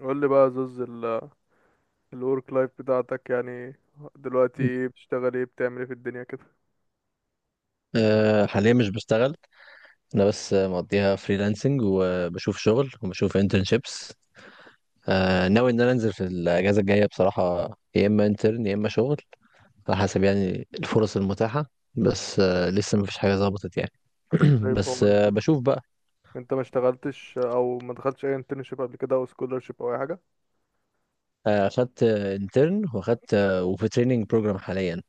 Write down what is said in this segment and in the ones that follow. قول لي بقى يا زوز الورك لايف بتاعتك، يعني دلوقتي ايه بتشتغل، ايه بتعمل، ايه في الدنيا كده؟ حاليا مش بشتغل. انا بس مقضيها فريلانسنج وبشوف شغل وبشوف انترنشيبس. ناوي ان انا انزل في الاجازه الجايه بصراحه، يا اما انترن يا اما شغل، على حسب يعني الفرص المتاحه. بس لسه مفيش حاجه ظبطت يعني. طيب هو بس انت بشوف بقى. انت ما اشتغلتش او ما دخلتش اي انترنشيب قبل كده او سكولرشيب او اي حاجه؟ اخدت انترن واخدت وفي تريننج بروجرام حاليا.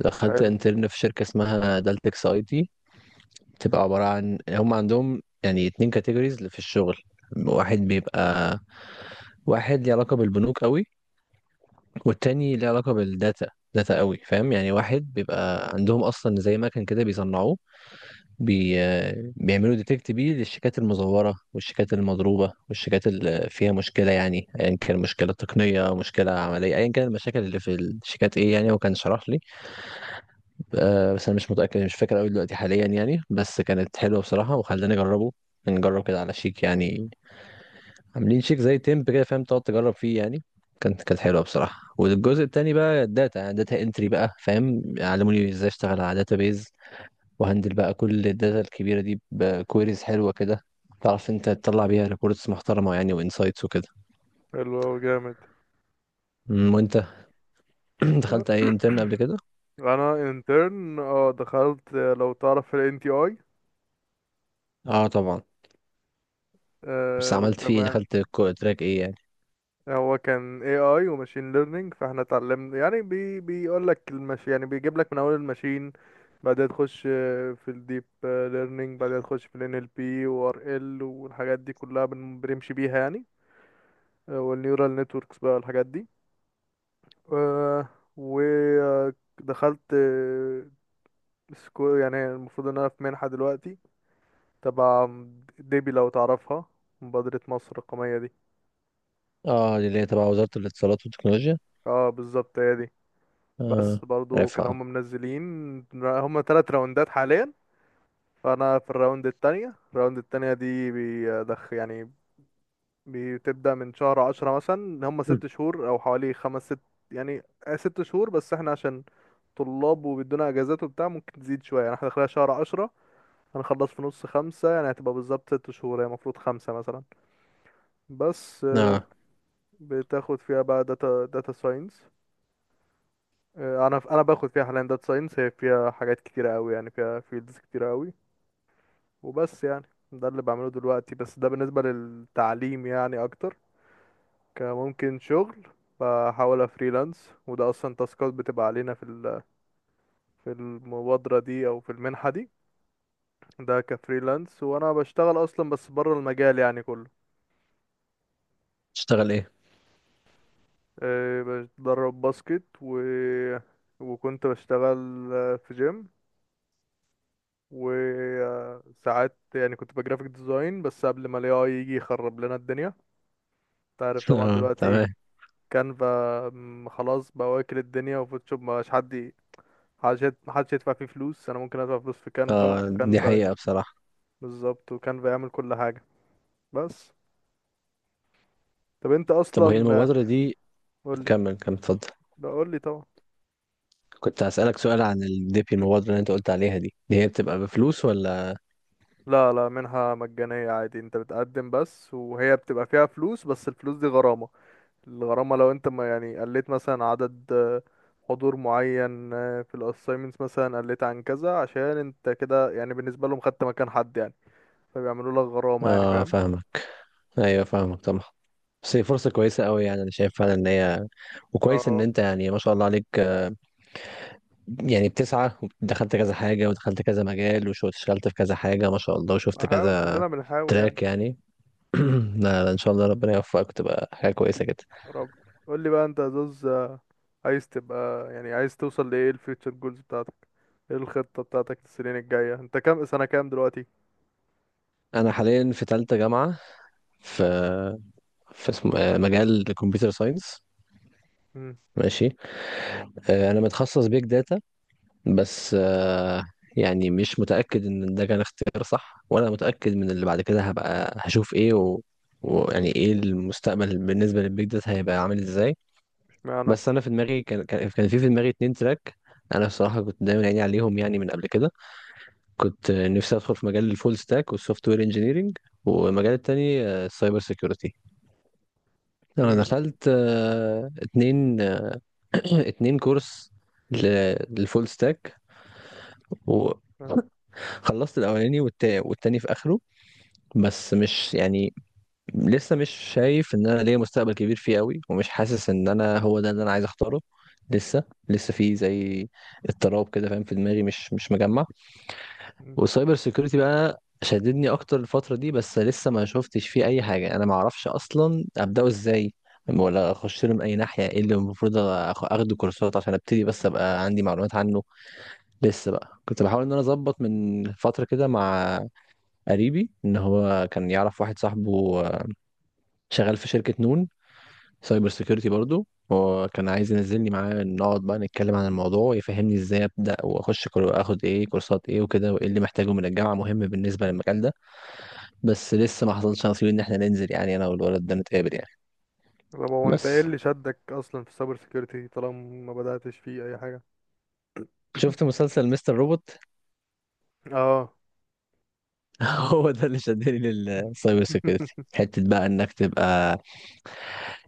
اخدت حلو. انترن في شركه اسمها دالتكس IT. بتبقى عباره عن هم عندهم يعني اتنين كاتيجوريز في الشغل. واحد بيبقى، واحد ليه علاقة بالبنوك قوي، والتاني ليه علاقة بالداتا. داتا قوي، فاهم؟ يعني واحد بيبقى عندهم اصلا زي مكن كده بيصنعوه، بي... بيعملوا ديتكت بيه للشيكات المزورة والشيكات المضروبة والشيكات اللي فيها مشكلة، يعني ايا كان مشكلة تقنية مشكلة عملية، ايا كان المشاكل اللي في الشيكات ايه، يعني هو كان شرح لي. بس انا مش متأكد مش فاكر قوي دلوقتي حاليا يعني، بس كانت حلوة بصراحة وخلاني اجربه. نجرب كده على شيك يعني. عاملين شيك زي تيمب كده، فاهم؟ تقعد تجرب فيه يعني. كانت حلوه بصراحه. والجزء التاني بقى الداتا، يعني داتا انتري بقى، فاهم؟ علموني ازاي اشتغل على داتا بيز وهندل بقى كل الداتا الكبيره دي بكويريز حلوه كده، تعرف انت تطلع بيها ريبورتس محترمه يعني وانسايتس وكده. حلو أوي، جامد. وانت؟ دخلت اي انترن قبل كده؟ انا انترن دخلت، لو تعرف ال NTI. اه طبعا. بس آه عملت فيه إيه؟ تمام. دخلت تراك ايه يعني؟ هو كان AI وماشين ليرنينج، فاحنا اتعلمنا يعني بيقول لك المش، يعني بيجيب لك من اول الماشين، بعدها تخش في الديب ليرنينج، بعدها تخش في الان ال NLP و RL والحاجات دي كلها بنمشي بيها يعني. والنيورال نتوركس بقى والحاجات دي. آه، ودخلت آه، سكو يعني المفروض ان انا في منحة دلوقتي، تبع ديبي لو تعرفها، مبادرة مصر الرقمية دي. اه، دي اللي هي تبع وزاره الاتصالات والتكنولوجيا. اه، بالظبط هي دي. بس اه، برضو عارفها كانوا اه. هم منزلين، هم 3 راوندات حاليا، فانا في الراوند التانية. الراوند التانية دي يعني بتبدأ من شهر 10 مثلا، هم أمم. 6 شهور او حوالي خمس ست يعني، 6 شهور. بس احنا عشان طلاب وبيدونا اجازات وبتاع ممكن تزيد شوية، يعني احنا داخلها شهر 10، هنخلص في نص 5، يعني هتبقى بالظبط 6 شهور، هي المفروض خمسة مثلا، بس. اه، بتاخد فيها بقى داتا ساينس. انا باخد فيها حاليا داتا ساينس، هي فيها حاجات كتيره قوي، يعني فيها فيلدز كتيره قوي، وبس يعني. ده اللي بعمله دلوقتي، بس ده بالنسبه للتعليم يعني اكتر، كممكن شغل. بحاول افريلانس، وده اصلا تاسكات بتبقى علينا في المبادره دي او في المنحه دي. ده كفريلانس، وانا بشتغل اصلا بس بره المجال يعني كله. تشتغل ايه؟ بتدرب باسكت، و وكنت بشتغل في جيم، وساعات يعني كنت بجرافيك ديزاين، بس قبل ما الاي اي يجي يخرب لنا الدنيا، انت عارف طبعا اه، دلوقتي تمام. كانفا. خلاص بقى، واكل الدنيا وفوتوشوب، ما بقاش محدش يدفع فيه فلوس. انا ممكن ادفع فلوس في كانفا، اه، دي وكانفا حقيقه بصراحه. بالظبط، وكانفا يعمل كل حاجة. بس، طب انت طب وهي اصلا المبادرة دي، قول لي. كمل كمل اتفضل. لا، قول لي طبعا. كنت هسألك سؤال عن الديبي، المبادرة اللي انت قلت عليها دي، دي هي بتبقى بفلوس ولا؟ لا لا، منها مجانية عادي، انت بتقدم بس، وهي بتبقى فيها فلوس، بس الفلوس دي غرامة. الغرامة لو انت ما يعني قلت مثلا عدد، حضور معين، في الاساينمنتس مثلا قلت عن كذا، عشان انت كده يعني بالنسبة لهم خدت مكان حد يعني، فبيعملوا لك غرامة يعني، اه فاهم. فاهمك. ايوه فاهمك طبعا. بس هي فرصة كويسة قوي يعني، انا شايف فعلا ان هي، وكويس ان اه، انت يعني ما شاء الله عليك، يعني بتسعى ودخلت كذا حاجة ودخلت كذا مجال واشتغلت في كذا حاجة ما شاء الله وشفت بحاول، كذا كلنا بنحاول يعني. تراك يعني. لا لا، ان شاء الله ربنا يوفقك تبقى حاجة كويسة جدا. يا رب. قول لي بقى انت يا زوز، عايز تبقى يعني عايز توصل لايه؟ الفيوتشر جولز بتاعتك، ايه الخطة بتاعتك السنين الجاية؟ انت كام سنة، كام دلوقتي؟ انا حاليا في تالتة جامعة، في في اسم... آه، مجال الكمبيوتر ساينس، امم. ماشي. انا متخصص بيج داتا. بس يعني مش متاكد ان ده كان اختيار صح ولا متاكد من اللي بعد كده هبقى هشوف ايه ويعني ايه المستقبل بالنسبه للبيج داتا هيبقى عامل ازاي. اشمعنى؟ بس انا في دماغي كان في دماغي اتنين تراك. انا بصراحه كنت دايما عيني عليهم يعني من قبل كده. كنت نفسي ادخل في مجال الفول ستاك والسوفت وير انجينيرنج، والمجال التاني السايبر سيكيورتي. انا امم. دخلت اتنين، اتنين كورس للفول ستاك. خلصت الاولاني، والتاني في اخره. بس مش يعني، لسه مش شايف ان انا ليا مستقبل كبير فيه قوي، ومش حاسس ان انا هو ده اللي انا عايز اختاره. لسه لسه في زي اضطراب كده، فاهم؟ في دماغي مش مجمع. والسايبر سيكيورتي بقى شددني اكتر الفترة دي، بس لسه ما شفتش فيه اي حاجة، انا ما اعرفش اصلا ابداه ازاي ولا اخش له من اي ناحية. ايه اللي المفروض اخده كورسات عشان ابتدي بس ابقى عندي معلومات عنه. لسه بقى كنت بحاول ان انا اظبط من فترة كده مع قريبي ان هو كان يعرف واحد صاحبه، شغال في شركة نون، سايبر سيكيورتي برضه. هو كان عايز ينزلني معاه، نقعد بقى نتكلم عن الموضوع، يفهمني ازاي ابدا واخش اخد ايه كورسات ايه وكده، وايه اللي محتاجه من الجامعه مهم بالنسبه للمجال ده. بس لسه ما حصلش نصيب ان احنا ننزل، يعني انا والولد ده نتقابل يعني. طب هو انت ايه بس اللي شدك اصلا في السايبر سيكيورتي طالما ما بدأتش فيه اي حاجة؟ شفت مسلسل مستر روبوت. اه. هو ده اللي شدني للسايبر سيكيورتي، حته بقى انك تبقى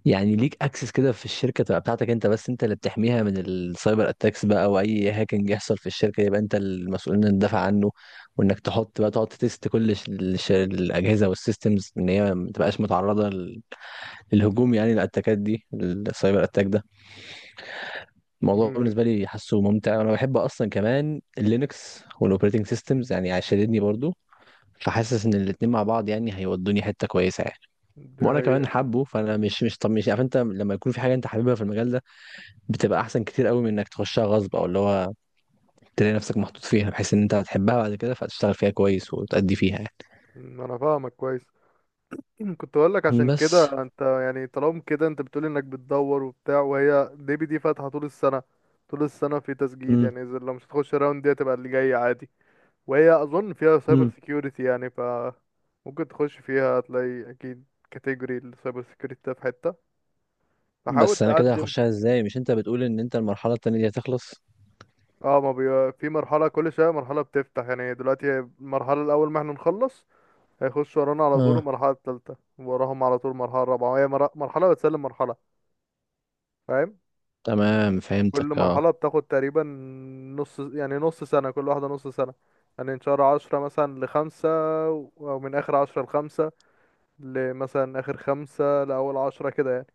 يعني ليك اكسس كده في الشركه، تبقى بتاعتك انت بس، انت اللي بتحميها من السايبر اتاكس بقى، او اي هاكينج يحصل في الشركه يبقى انت المسؤول انك تدافع عنه، وانك تحط بقى تقعد تست كل الاجهزه والسيستمز ان هي ما تبقاش متعرضه للهجوم، يعني الاتاكات دي، السايبر اتاك ده. الموضوع مم. بالنسبه لي حاسه ممتع، وانا بحب اصلا كمان اللينكس والاوبريتنج سيستمز، يعني شددني برضو. فحاسس ان الاتنين مع بعض يعني هيودوني حته كويسه يعني. دي وانا كمان حقيقة. حابه، فانا مش مش طب مش عارف، انت لما يكون في حاجه انت حاببها في المجال ده بتبقى احسن كتير قوي من انك تخشها غصب، او اللي هو تلاقي نفسك محطوط فيها، بحيث ان انت هتحبها بعد كده فهتشتغل فيها كويس وتأدي فيها يعني. انا فاهمك كويس. كنت اقول لك عشان بس كده انت، يعني طالما كده انت بتقول انك بتدور وبتاع، وهي ديبي دي فاتحة طول السنة، طول السنة في تسجيل، امم يعني اذا لو مش هتخش الراوند دي هتبقى اللي جاي عادي. وهي اظن فيها سايبر امم سيكيورتي يعني، ف ممكن تخش فيها، هتلاقي اكيد كاتيجوري السايبر سيكيورتي ده في حتة، فحاول بس انا كده تقدم. هخشها ازاي؟ مش انت بتقول ان انت المرحلة التانية دي هتخلص؟ اه، ما بي... في مرحلة، كل شوية مرحلة بتفتح، يعني دلوقتي المرحلة الأول ما احنا نخلص هيخش ورانا على طول اه المرحلة التالتة، وراهم على طول المرحلة الرابعة، وهي مرحلة بتسلم مرحلة، فاهم. تمام كل فهمتك اه. مرحلة بتاخد تقريبا نص، يعني نص سنة، كل واحدة نص سنة، يعني من شهر 10 مثلا لخمسة، أو من آخر 10 لخمسة، لمثلا آخر 5 لأول 10 كده يعني.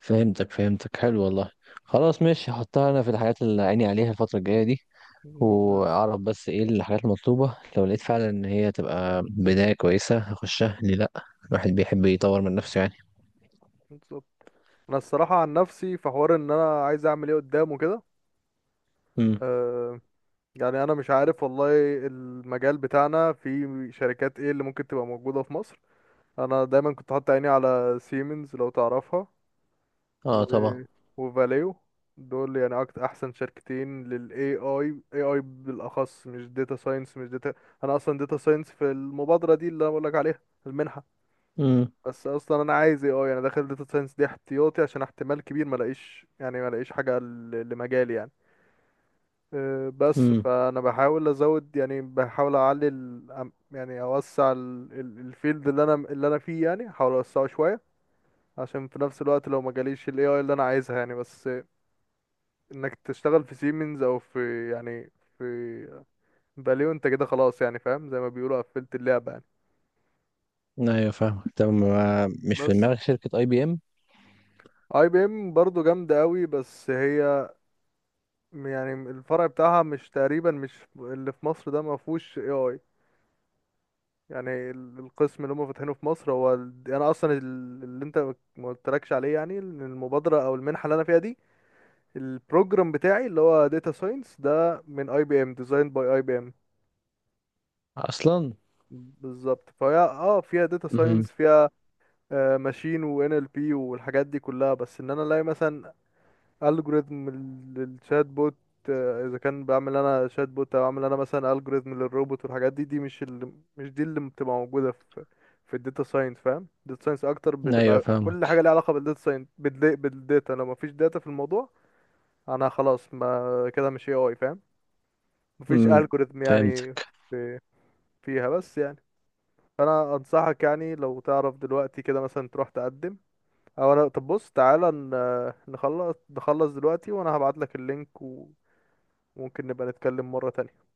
فهمتك فهمتك، حلو والله. خلاص ماشي، هحطها انا في الحاجات اللي عيني عليها الفترة الجاية دي. مم، بس. واعرف بس ايه الحاجات المطلوبة، لو لقيت فعلا ان هي تبقى بداية كويسة هخشها، ليه لا؟ الواحد بيحب يطور من نفسه يعني. بالظبط. أنا الصراحة عن نفسي في حوار إن أنا عايز أعمل إيه قدام وكده. امم. أه، يعني أنا مش عارف والله، المجال بتاعنا في شركات إيه اللي ممكن تبقى موجودة في مصر. انا دايما كنت حاطط عيني على سيمنز لو تعرفها، اه و... طبعا. وفاليو، دول يعني اكتر احسن شركتين للاي اي بالاخص، مش داتا ساينس، مش داتا. انا اصلا داتا ساينس في المبادره دي اللي انا بقول لك عليها، المنحه، مم. بس اصلا انا عايز AI، انا داخل داتا ساينس دي احتياطي عشان احتمال كبير ما الاقيش، يعني ما الاقيش حاجه لمجالي يعني. بس امم. فانا بحاول ازود، يعني بحاول اعلي يعني اوسع الفيلد اللي انا فيه، يعني احاول اوسعه شويه، عشان في نفس الوقت لو ما جاليش ال AI اللي انا عايزها يعني. بس انك تشتغل في سيمنز، او في يعني في فاليو، انت كده خلاص يعني، فاهم، زي ما بيقولوا قفلت اللعبة يعني. ايوه فاهمك. طب مش في بس دماغك شركة IBM IBM برضه جامدة قوي، بس هي يعني الفرع بتاعها مش تقريبا، مش اللي في مصر ده ما فيهوش AI، يعني القسم اللي هم فاتحينه في مصر هو يعني انا اصلا اللي انت ما قلتلكش عليه، يعني إن المبادرة او المنحة اللي انا فيها دي، البروجرام بتاعي اللي هو داتا ساينس ده من IBM، ديزاين باي IBM. اصلا؟ بالظبط، فهي اه فيها داتا امم. ساينس، فيها ماشين وان ال بي والحاجات دي كلها، بس ان انا الاقي مثلا الجوريزم للشات بوت، اذا كان بعمل انا شات بوت او اعمل انا مثلا الجوريزم للروبوت والحاجات دي، مش دي اللي بتبقى موجوده في الداتا ساينس، فاهم. الداتا ساينس اكتر ايوه بتبقى كل حاجه فاهمك. ليها علاقه بالداتا ساينس، بالداتا، لو مفيش داتا في الموضوع انا خلاص، ما كده مش AI فاهم، مفيش امم، الجوريزم يعني. فهمتك. في، فيها بس يعني. فانا انصحك يعني لو تعرف دلوقتي كده مثلا تروح تقدم، او انا طب بص تعالى نخلص دلوقتي، وانا هبعت لك اللينك، وممكن نبقى نتكلم مرة تانية.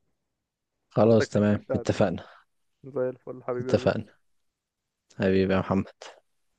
بعت لك خلاص لينك تمام التقديم. اتفقنا. زي الفل حبيبي يا زوز. اتفقنا حبيبي يا محمد.